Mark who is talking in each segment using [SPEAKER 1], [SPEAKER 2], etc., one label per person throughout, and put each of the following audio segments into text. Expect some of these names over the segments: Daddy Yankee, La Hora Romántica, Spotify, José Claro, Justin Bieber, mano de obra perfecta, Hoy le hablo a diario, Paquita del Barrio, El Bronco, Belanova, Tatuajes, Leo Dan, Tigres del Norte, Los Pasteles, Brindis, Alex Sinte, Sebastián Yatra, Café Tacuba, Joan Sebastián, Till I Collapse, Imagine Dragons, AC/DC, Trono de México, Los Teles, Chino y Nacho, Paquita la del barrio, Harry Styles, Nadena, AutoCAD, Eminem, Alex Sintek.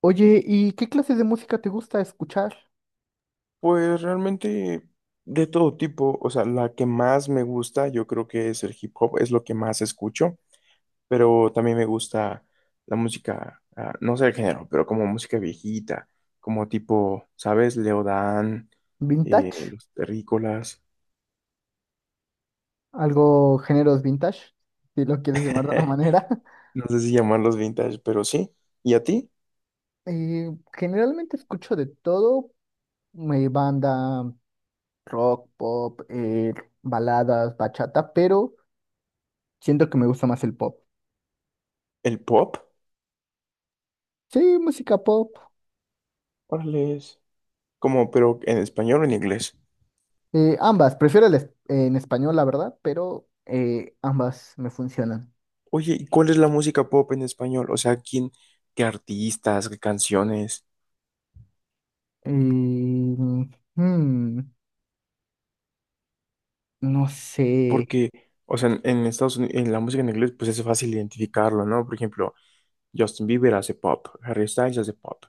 [SPEAKER 1] Oye, ¿y qué clase de música te gusta escuchar?
[SPEAKER 2] Pues realmente de todo tipo, o sea, la que más me gusta yo creo que es el hip hop, es lo que más escucho, pero también me gusta la música, no sé el género, pero como música viejita, como tipo, ¿sabes? Leodán,
[SPEAKER 1] ¿Vintage?
[SPEAKER 2] los terrícolas.
[SPEAKER 1] ¿Algo géneros vintage? Si lo quieres llamar de una manera.
[SPEAKER 2] No sé si llamarlos vintage, pero sí. ¿Y a ti?
[SPEAKER 1] Generalmente escucho de todo, mi banda, rock, pop, baladas, bachata, pero siento que me gusta más el pop.
[SPEAKER 2] ¿El pop?
[SPEAKER 1] Sí, música pop.
[SPEAKER 2] Órale, es como, pero ¿en español o en inglés?
[SPEAKER 1] Ambas, prefiero el en español, la verdad, pero ambas me funcionan.
[SPEAKER 2] Oye, ¿y cuál es la música pop en español? O sea, ¿quién, qué artistas, qué canciones?
[SPEAKER 1] Eh, mm, no sé.
[SPEAKER 2] Porque, o sea, en Estados Unidos, en la música en inglés, pues es fácil identificarlo, ¿no? Por ejemplo, Justin Bieber hace pop, Harry Styles hace pop,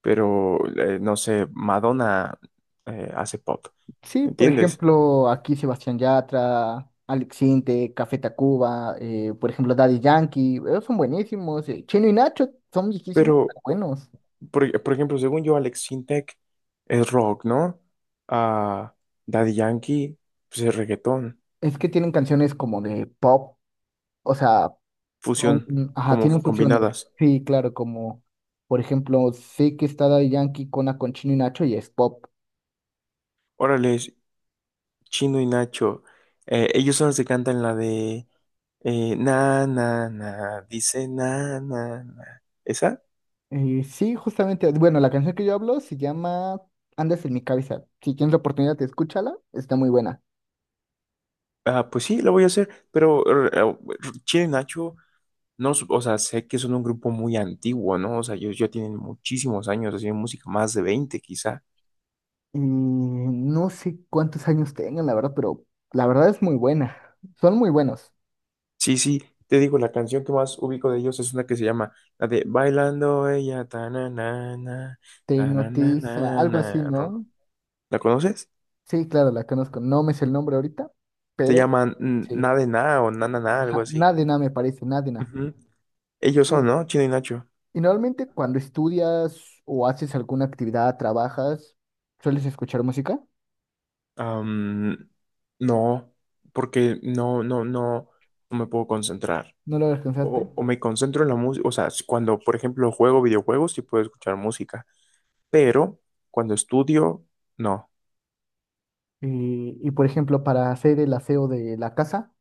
[SPEAKER 2] pero, no sé, Madonna hace pop,
[SPEAKER 1] Sí, por
[SPEAKER 2] ¿entiendes?
[SPEAKER 1] ejemplo, aquí Sebastián Yatra, Alex Sinte, Café Tacuba, por ejemplo, Daddy Yankee, ellos son buenísimos. Chino y Nacho son viejísimos,
[SPEAKER 2] Pero,
[SPEAKER 1] pero buenos.
[SPEAKER 2] por ejemplo, según yo, Alex Sintek es rock, ¿no? Ah, Daddy Yankee, pues es reggaetón,
[SPEAKER 1] Es que tienen canciones como de pop, o sea, pop,
[SPEAKER 2] fusión,
[SPEAKER 1] mm, ajá,
[SPEAKER 2] como
[SPEAKER 1] tienen fusiones.
[SPEAKER 2] combinadas.
[SPEAKER 1] Sí, claro, como, por ejemplo, sé que está Daddy Yankee con, con Chino y Nacho y es pop.
[SPEAKER 2] Órale, Chino y Nacho, ellos son los que cantan la de... na, na, na, dice na, na, na. ¿Esa?
[SPEAKER 1] Sí, justamente, bueno, la canción que yo hablo se llama Andas en mi cabeza. Si tienes la oportunidad, escúchala, está muy buena.
[SPEAKER 2] Ah, pues sí, la voy a hacer, pero Chile Nacho, no, o sea, sé que son un grupo muy antiguo, ¿no? O sea, ellos ya tienen muchísimos años haciendo música, más de 20, quizá.
[SPEAKER 1] Y no sé cuántos años tengan, la verdad, pero la verdad es muy buena. Son muy buenos.
[SPEAKER 2] Sí, sí, te digo, la canción que más ubico de ellos es una que se llama la de Bailando ella, ta na na na,
[SPEAKER 1] Te
[SPEAKER 2] ta na na
[SPEAKER 1] hipnotiza,
[SPEAKER 2] na
[SPEAKER 1] algo así,
[SPEAKER 2] na.
[SPEAKER 1] ¿no?
[SPEAKER 2] ¿La conoces?
[SPEAKER 1] Sí, claro, la conozco. No me sé el nombre ahorita,
[SPEAKER 2] Se
[SPEAKER 1] pero
[SPEAKER 2] llaman
[SPEAKER 1] sí.
[SPEAKER 2] Na de Na o Na na na, algo
[SPEAKER 1] Ajá,
[SPEAKER 2] así.
[SPEAKER 1] Nadena me parece, Nadena.
[SPEAKER 2] Ujú. Ellos son,
[SPEAKER 1] Y
[SPEAKER 2] ¿no? Chile y Nacho.
[SPEAKER 1] y normalmente cuando estudias o haces alguna actividad, trabajas, ¿sueles escuchar música?
[SPEAKER 2] Am, no, porque no me puedo concentrar.
[SPEAKER 1] ¿No lo alcanzaste?
[SPEAKER 2] O me concentro en la música, o sea, cuando, por ejemplo, juego videojuegos, sí puedo escuchar música, pero cuando estudio, no.
[SPEAKER 1] Y por ejemplo, para hacer el aseo de la casa,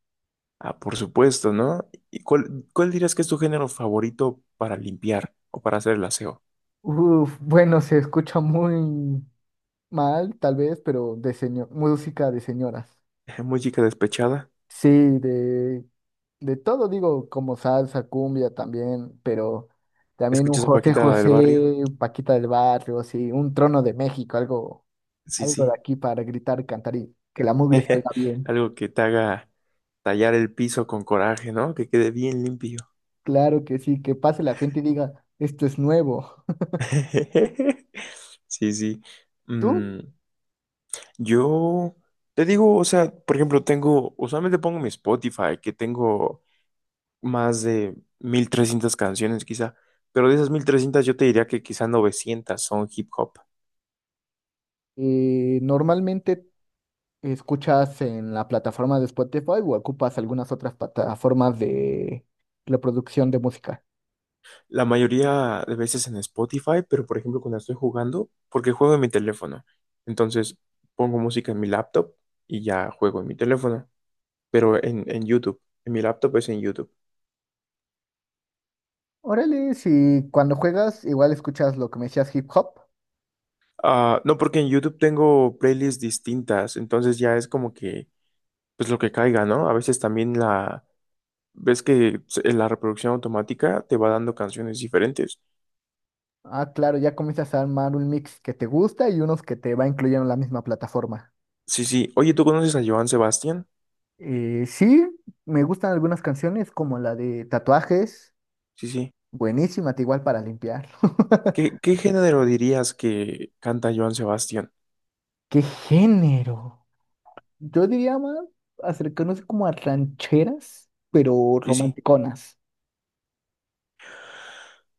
[SPEAKER 2] Ah, por supuesto, ¿no? ¿Y cuál dirías que es tu género favorito para limpiar o para hacer el aseo?
[SPEAKER 1] uf, bueno, se escucha muy mal, tal vez, pero de señor, música de señoras.
[SPEAKER 2] ¿Música despechada?
[SPEAKER 1] Sí, de, de todo, digo, como salsa, cumbia también, pero también un
[SPEAKER 2] ¿Escuchas a
[SPEAKER 1] José Claro.
[SPEAKER 2] Paquita la del barrio?
[SPEAKER 1] José, un Paquita del Barrio, sí, un Trono de México, algo,
[SPEAKER 2] Sí,
[SPEAKER 1] algo de
[SPEAKER 2] sí.
[SPEAKER 1] aquí para gritar, cantar y que la mugre salga bien.
[SPEAKER 2] Algo que te haga tallar el piso con coraje, ¿no? Que quede bien limpio.
[SPEAKER 1] Claro que sí, que pase la gente y diga, esto es nuevo.
[SPEAKER 2] Sí, sí.
[SPEAKER 1] ¿Tú
[SPEAKER 2] Mm, yo te digo, o sea, por ejemplo, tengo, usualmente pongo mi Spotify, que tengo más de 1.300 canciones quizá, pero de esas 1.300 yo te diría que quizá 900 son hip hop.
[SPEAKER 1] normalmente escuchas en la plataforma de Spotify o ocupas algunas otras plataformas de reproducción de música?
[SPEAKER 2] La mayoría de veces en Spotify, pero por ejemplo cuando estoy jugando, porque juego en mi teléfono, entonces pongo música en mi laptop y ya juego en mi teléfono, pero en YouTube, en mi laptop es en YouTube.
[SPEAKER 1] Órale, si cuando juegas igual escuchas lo que me decías hip hop.
[SPEAKER 2] Ah, no, porque en YouTube tengo playlists distintas, entonces ya es como que, pues lo que caiga, ¿no? A veces también la, ves que la reproducción automática te va dando canciones diferentes.
[SPEAKER 1] Ah, claro, ya comienzas a armar un mix que te gusta y unos que te va incluyendo en la misma plataforma.
[SPEAKER 2] Sí, sí. Oye, ¿tú conoces a Joan Sebastián?
[SPEAKER 1] Sí, me gustan algunas canciones como la de Tatuajes,
[SPEAKER 2] Sí, sí.
[SPEAKER 1] buenísima, te igual para limpiar.
[SPEAKER 2] ¿Qué género dirías que canta Joan Sebastián?
[SPEAKER 1] ¿Qué género? Yo diría más acercarnos como a rancheras, pero
[SPEAKER 2] Sí, sí.
[SPEAKER 1] romanticonas.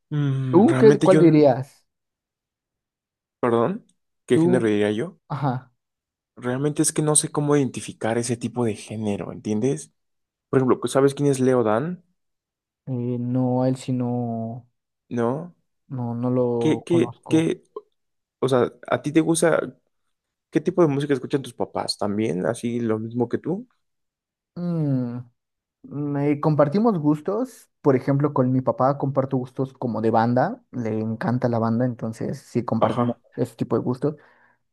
[SPEAKER 2] Mm,
[SPEAKER 1] ¿Tú qué,
[SPEAKER 2] realmente
[SPEAKER 1] cuál
[SPEAKER 2] yo,
[SPEAKER 1] dirías?
[SPEAKER 2] perdón, ¿qué género
[SPEAKER 1] Tú,
[SPEAKER 2] diría yo?
[SPEAKER 1] ajá,
[SPEAKER 2] Realmente es que no sé cómo identificar ese tipo de género, ¿entiendes? Por ejemplo, ¿sabes quién es Leo Dan?
[SPEAKER 1] no, a él sí no,
[SPEAKER 2] ¿No?
[SPEAKER 1] no, no lo conozco.
[SPEAKER 2] Qué? O sea, ¿a ti te gusta qué tipo de música escuchan tus papás? ¿También así lo mismo que tú?
[SPEAKER 1] Mm, compartimos gustos, por ejemplo, con mi papá comparto gustos como de banda, le encanta la banda, entonces sí compartimos
[SPEAKER 2] Ajá,
[SPEAKER 1] ese tipo de gustos.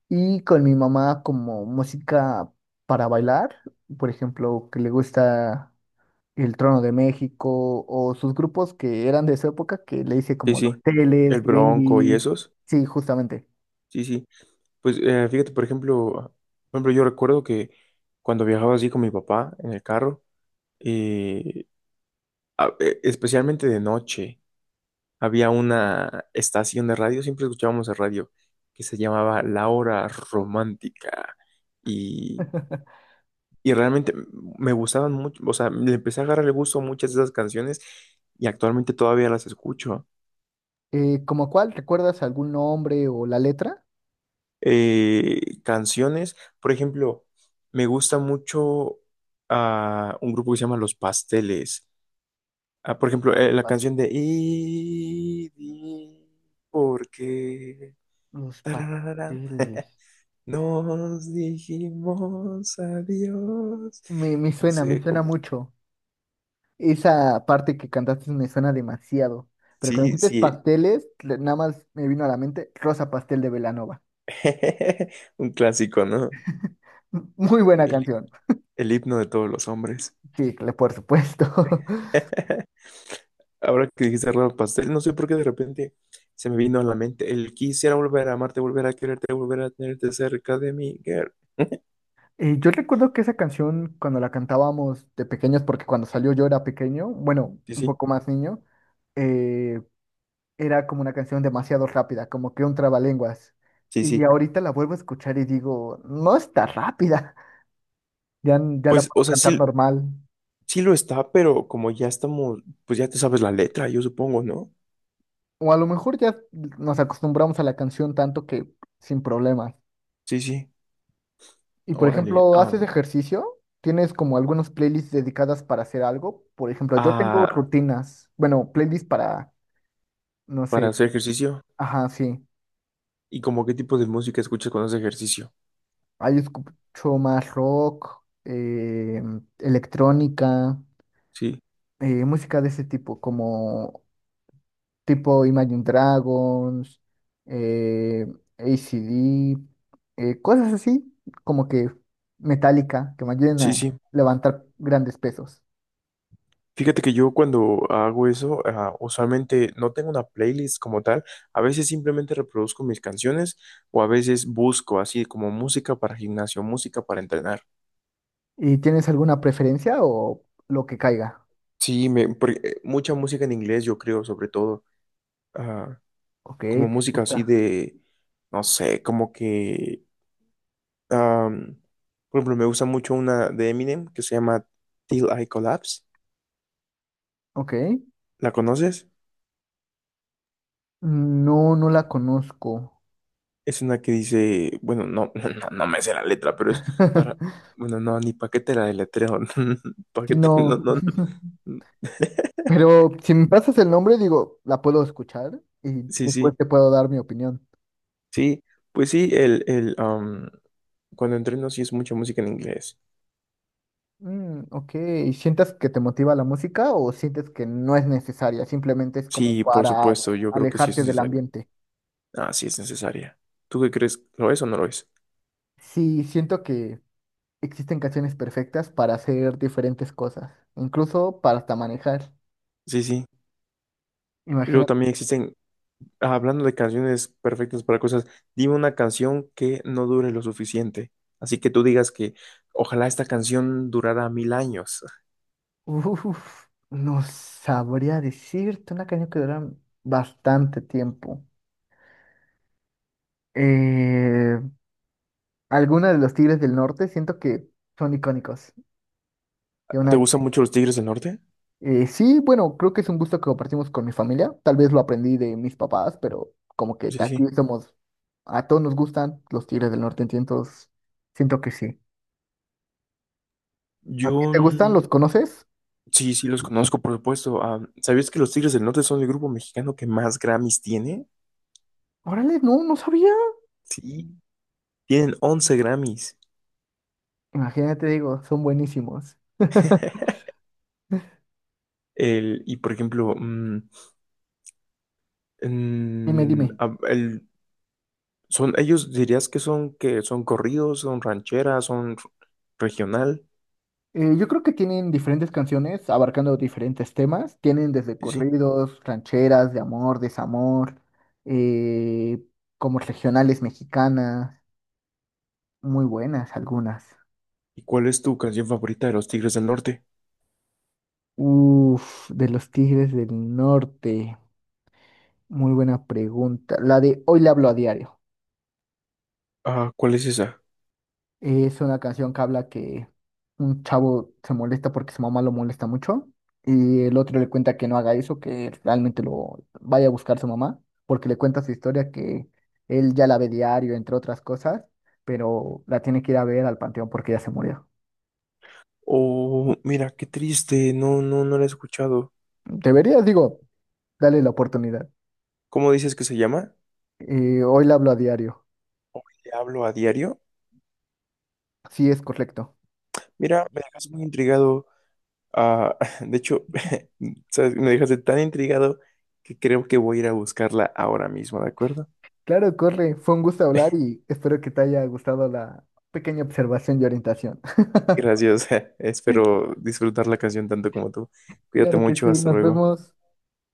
[SPEAKER 1] Y con mi mamá como música para bailar, por ejemplo, que le gusta El Trono de México o sus grupos que eran de su época, que le hice
[SPEAKER 2] sí,
[SPEAKER 1] como Los
[SPEAKER 2] sí. El
[SPEAKER 1] Teles,
[SPEAKER 2] Bronco y
[SPEAKER 1] Brindis,
[SPEAKER 2] esos.
[SPEAKER 1] sí, justamente.
[SPEAKER 2] Sí, sí. Pues fíjate, por ejemplo, yo recuerdo que cuando viajaba así con mi papá en el carro, eh, especialmente de noche, había una estación de radio, siempre escuchábamos el radio, que se llamaba La Hora Romántica. y Y realmente me gustaban mucho, o sea, le empecé a agarrar el gusto a muchas de esas canciones y actualmente todavía las escucho.
[SPEAKER 1] ¿Como cuál? ¿Recuerdas algún nombre o la letra?
[SPEAKER 2] Canciones, por ejemplo, me gusta mucho un grupo que se llama Los Pasteles. Ah, por ejemplo,
[SPEAKER 1] Los
[SPEAKER 2] la
[SPEAKER 1] pas-
[SPEAKER 2] canción de Y di ¿por qué?
[SPEAKER 1] los
[SPEAKER 2] Tarararán.
[SPEAKER 1] pasteles.
[SPEAKER 2] Nos dijimos adiós.
[SPEAKER 1] Me
[SPEAKER 2] No
[SPEAKER 1] suena, me
[SPEAKER 2] sé,
[SPEAKER 1] suena
[SPEAKER 2] como,
[SPEAKER 1] mucho. Esa parte que cantaste me suena demasiado. Pero cuando
[SPEAKER 2] sí,
[SPEAKER 1] dijiste
[SPEAKER 2] sí.
[SPEAKER 1] pasteles, nada más me vino a la mente Rosa Pastel de Belanova.
[SPEAKER 2] Un clásico, ¿no?
[SPEAKER 1] Muy buena
[SPEAKER 2] El
[SPEAKER 1] canción.
[SPEAKER 2] El himno de todos los hombres.
[SPEAKER 1] Sí, por supuesto.
[SPEAKER 2] Ahora que dijiste Rama Pastel, no sé por qué de repente se me vino a la mente el quisiera volver a amarte, volver a quererte, volver a tenerte cerca de mí, girl.
[SPEAKER 1] Yo recuerdo que esa canción, cuando la cantábamos de pequeños, porque cuando salió yo era pequeño, bueno,
[SPEAKER 2] Sí,
[SPEAKER 1] un
[SPEAKER 2] sí,
[SPEAKER 1] poco más niño, eh, era como una canción demasiado rápida, como que un trabalenguas.
[SPEAKER 2] sí,
[SPEAKER 1] Y
[SPEAKER 2] sí.
[SPEAKER 1] ahorita la vuelvo a escuchar y digo, no está rápida. Ya la
[SPEAKER 2] Pues, o
[SPEAKER 1] puedo
[SPEAKER 2] sea,
[SPEAKER 1] cantar
[SPEAKER 2] sí,
[SPEAKER 1] normal.
[SPEAKER 2] sí lo está, pero como ya estamos, pues ya te sabes la letra, yo supongo, ¿no?
[SPEAKER 1] O a lo mejor ya nos acostumbramos a la canción tanto que sin problemas.
[SPEAKER 2] Sí, sí.
[SPEAKER 1] Y por
[SPEAKER 2] Órale.
[SPEAKER 1] ejemplo, ¿haces ejercicio? ¿Tienes como algunos playlists dedicadas para hacer algo? Por ejemplo, yo tengo
[SPEAKER 2] Ah,
[SPEAKER 1] rutinas, bueno, playlists para, no
[SPEAKER 2] para
[SPEAKER 1] sé,
[SPEAKER 2] hacer ejercicio.
[SPEAKER 1] ajá, sí.
[SPEAKER 2] ¿Y como qué tipo de música escuchas cuando haces ejercicio?
[SPEAKER 1] Ahí escucho más rock, electrónica,
[SPEAKER 2] Sí,
[SPEAKER 1] música de ese tipo, como tipo Imagine Dragons, eh, AC/DC, cosas así, como que metálica, que me ayuden
[SPEAKER 2] sí,
[SPEAKER 1] a
[SPEAKER 2] sí.
[SPEAKER 1] levantar grandes pesos.
[SPEAKER 2] Fíjate que yo cuando hago eso, usualmente no tengo una playlist como tal, a veces simplemente reproduzco mis canciones o a veces busco así como música para gimnasio, música para entrenar.
[SPEAKER 1] ¿Y tienes alguna preferencia o lo que caiga?
[SPEAKER 2] Sí, me, porque, mucha música en inglés yo creo, sobre todo, ah,
[SPEAKER 1] Ok,
[SPEAKER 2] como
[SPEAKER 1] te
[SPEAKER 2] música así
[SPEAKER 1] gusta.
[SPEAKER 2] de, no sé, como que, am, por ejemplo, me gusta mucho una de Eminem que se llama Till I Collapse,
[SPEAKER 1] Ok.
[SPEAKER 2] ¿la conoces?
[SPEAKER 1] No, no la conozco.
[SPEAKER 2] Es una que dice, bueno, no, no, no me sé la letra, pero es para, bueno, no, ni paquete la deletreo.
[SPEAKER 1] Si
[SPEAKER 2] Paquete, no,
[SPEAKER 1] no,
[SPEAKER 2] no, no.
[SPEAKER 1] pero si me pasas el nombre, digo, la puedo escuchar y
[SPEAKER 2] Sí,
[SPEAKER 1] después
[SPEAKER 2] sí,
[SPEAKER 1] te puedo dar mi opinión.
[SPEAKER 2] sí, pues sí, el, cuando entreno sí es mucha música en inglés.
[SPEAKER 1] Mm, ok, ¿sientes que te motiva la música o sientes que no es necesaria? Simplemente es como
[SPEAKER 2] Sí, por
[SPEAKER 1] para
[SPEAKER 2] supuesto, yo creo que sí es
[SPEAKER 1] alejarte del
[SPEAKER 2] necesaria.
[SPEAKER 1] ambiente.
[SPEAKER 2] Ah, sí es necesaria. ¿Tú qué crees? ¿Lo es o no lo es?
[SPEAKER 1] Sí, siento que existen canciones perfectas para hacer diferentes cosas, incluso para hasta manejar.
[SPEAKER 2] Sí, sí.
[SPEAKER 1] Imagina,
[SPEAKER 2] Luego también existen. Hablando de canciones perfectas para cosas, dime una canción que no dure lo suficiente. Así que tú digas que ojalá esta canción durara 1.000 años.
[SPEAKER 1] uf, no sabría decirte una canción que dura bastante tiempo. Eh, Alguna de los Tigres del Norte siento que son icónicos. Y
[SPEAKER 2] ¿Te
[SPEAKER 1] una
[SPEAKER 2] gustan mucho los Tigres del Norte?
[SPEAKER 1] Sí, bueno, creo que es un gusto que compartimos con mi familia. Tal vez lo aprendí de mis papás, pero como que
[SPEAKER 2] Sí, sí.
[SPEAKER 1] aquí somos, a todos nos gustan los Tigres del Norte, entonces siento que sí. ¿A
[SPEAKER 2] Yo
[SPEAKER 1] ti te gustan? ¿Los conoces?
[SPEAKER 2] sí, sí los conozco, por supuesto. Ah, ¿sabías que los Tigres del Norte son el grupo mexicano que más Grammys tiene?
[SPEAKER 1] Órale, no, no sabía.
[SPEAKER 2] Sí, tienen 11 Grammys.
[SPEAKER 1] Imagínate, digo, son buenísimos.
[SPEAKER 2] Y por ejemplo,
[SPEAKER 1] Dime,
[SPEAKER 2] mm,
[SPEAKER 1] dime.
[SPEAKER 2] ah, el- son, ellos dirías que son corridos, son rancheras, regional.
[SPEAKER 1] Yo creo que tienen diferentes canciones abarcando diferentes temas. Tienen desde
[SPEAKER 2] Sí, sí.
[SPEAKER 1] corridos, rancheras, de amor, desamor, eh, como regionales mexicanas, muy buenas algunas.
[SPEAKER 2] ¿Y cuál es tu canción favorita de los Tigres del Norte?
[SPEAKER 1] Uf, de los Tigres del Norte. Muy buena pregunta. La de Hoy le hablo a diario.
[SPEAKER 2] Ah, ¿cuál es esa?
[SPEAKER 1] Es una canción que habla que un chavo se molesta porque su mamá lo molesta mucho y el otro le cuenta que no haga eso, que realmente lo vaya a buscar su mamá, porque le cuenta su historia que él ya la ve diario, entre otras cosas, pero la tiene que ir a ver al panteón porque ya se murió.
[SPEAKER 2] Oh, mira, qué triste. No, no, no la he escuchado.
[SPEAKER 1] Deberías, digo, dale la oportunidad.
[SPEAKER 2] ¿Cómo dices que se llama?
[SPEAKER 1] Hoy le hablo a diario.
[SPEAKER 2] ¿Te hablo a diario?
[SPEAKER 1] Sí, es correcto.
[SPEAKER 2] Mira, me dejas muy intrigado. Ah, de hecho, ¿sabes? Me dejaste tan intrigado que creo que voy a ir a buscarla ahora mismo, ¿de acuerdo?
[SPEAKER 1] Claro, corre. Fue un gusto hablar y espero que te haya gustado la pequeña observación y orientación.
[SPEAKER 2] Gracias. Espero disfrutar la canción tanto como tú. Cuídate
[SPEAKER 1] Claro que
[SPEAKER 2] mucho.
[SPEAKER 1] sí,
[SPEAKER 2] Hasta
[SPEAKER 1] nos
[SPEAKER 2] luego.
[SPEAKER 1] vemos.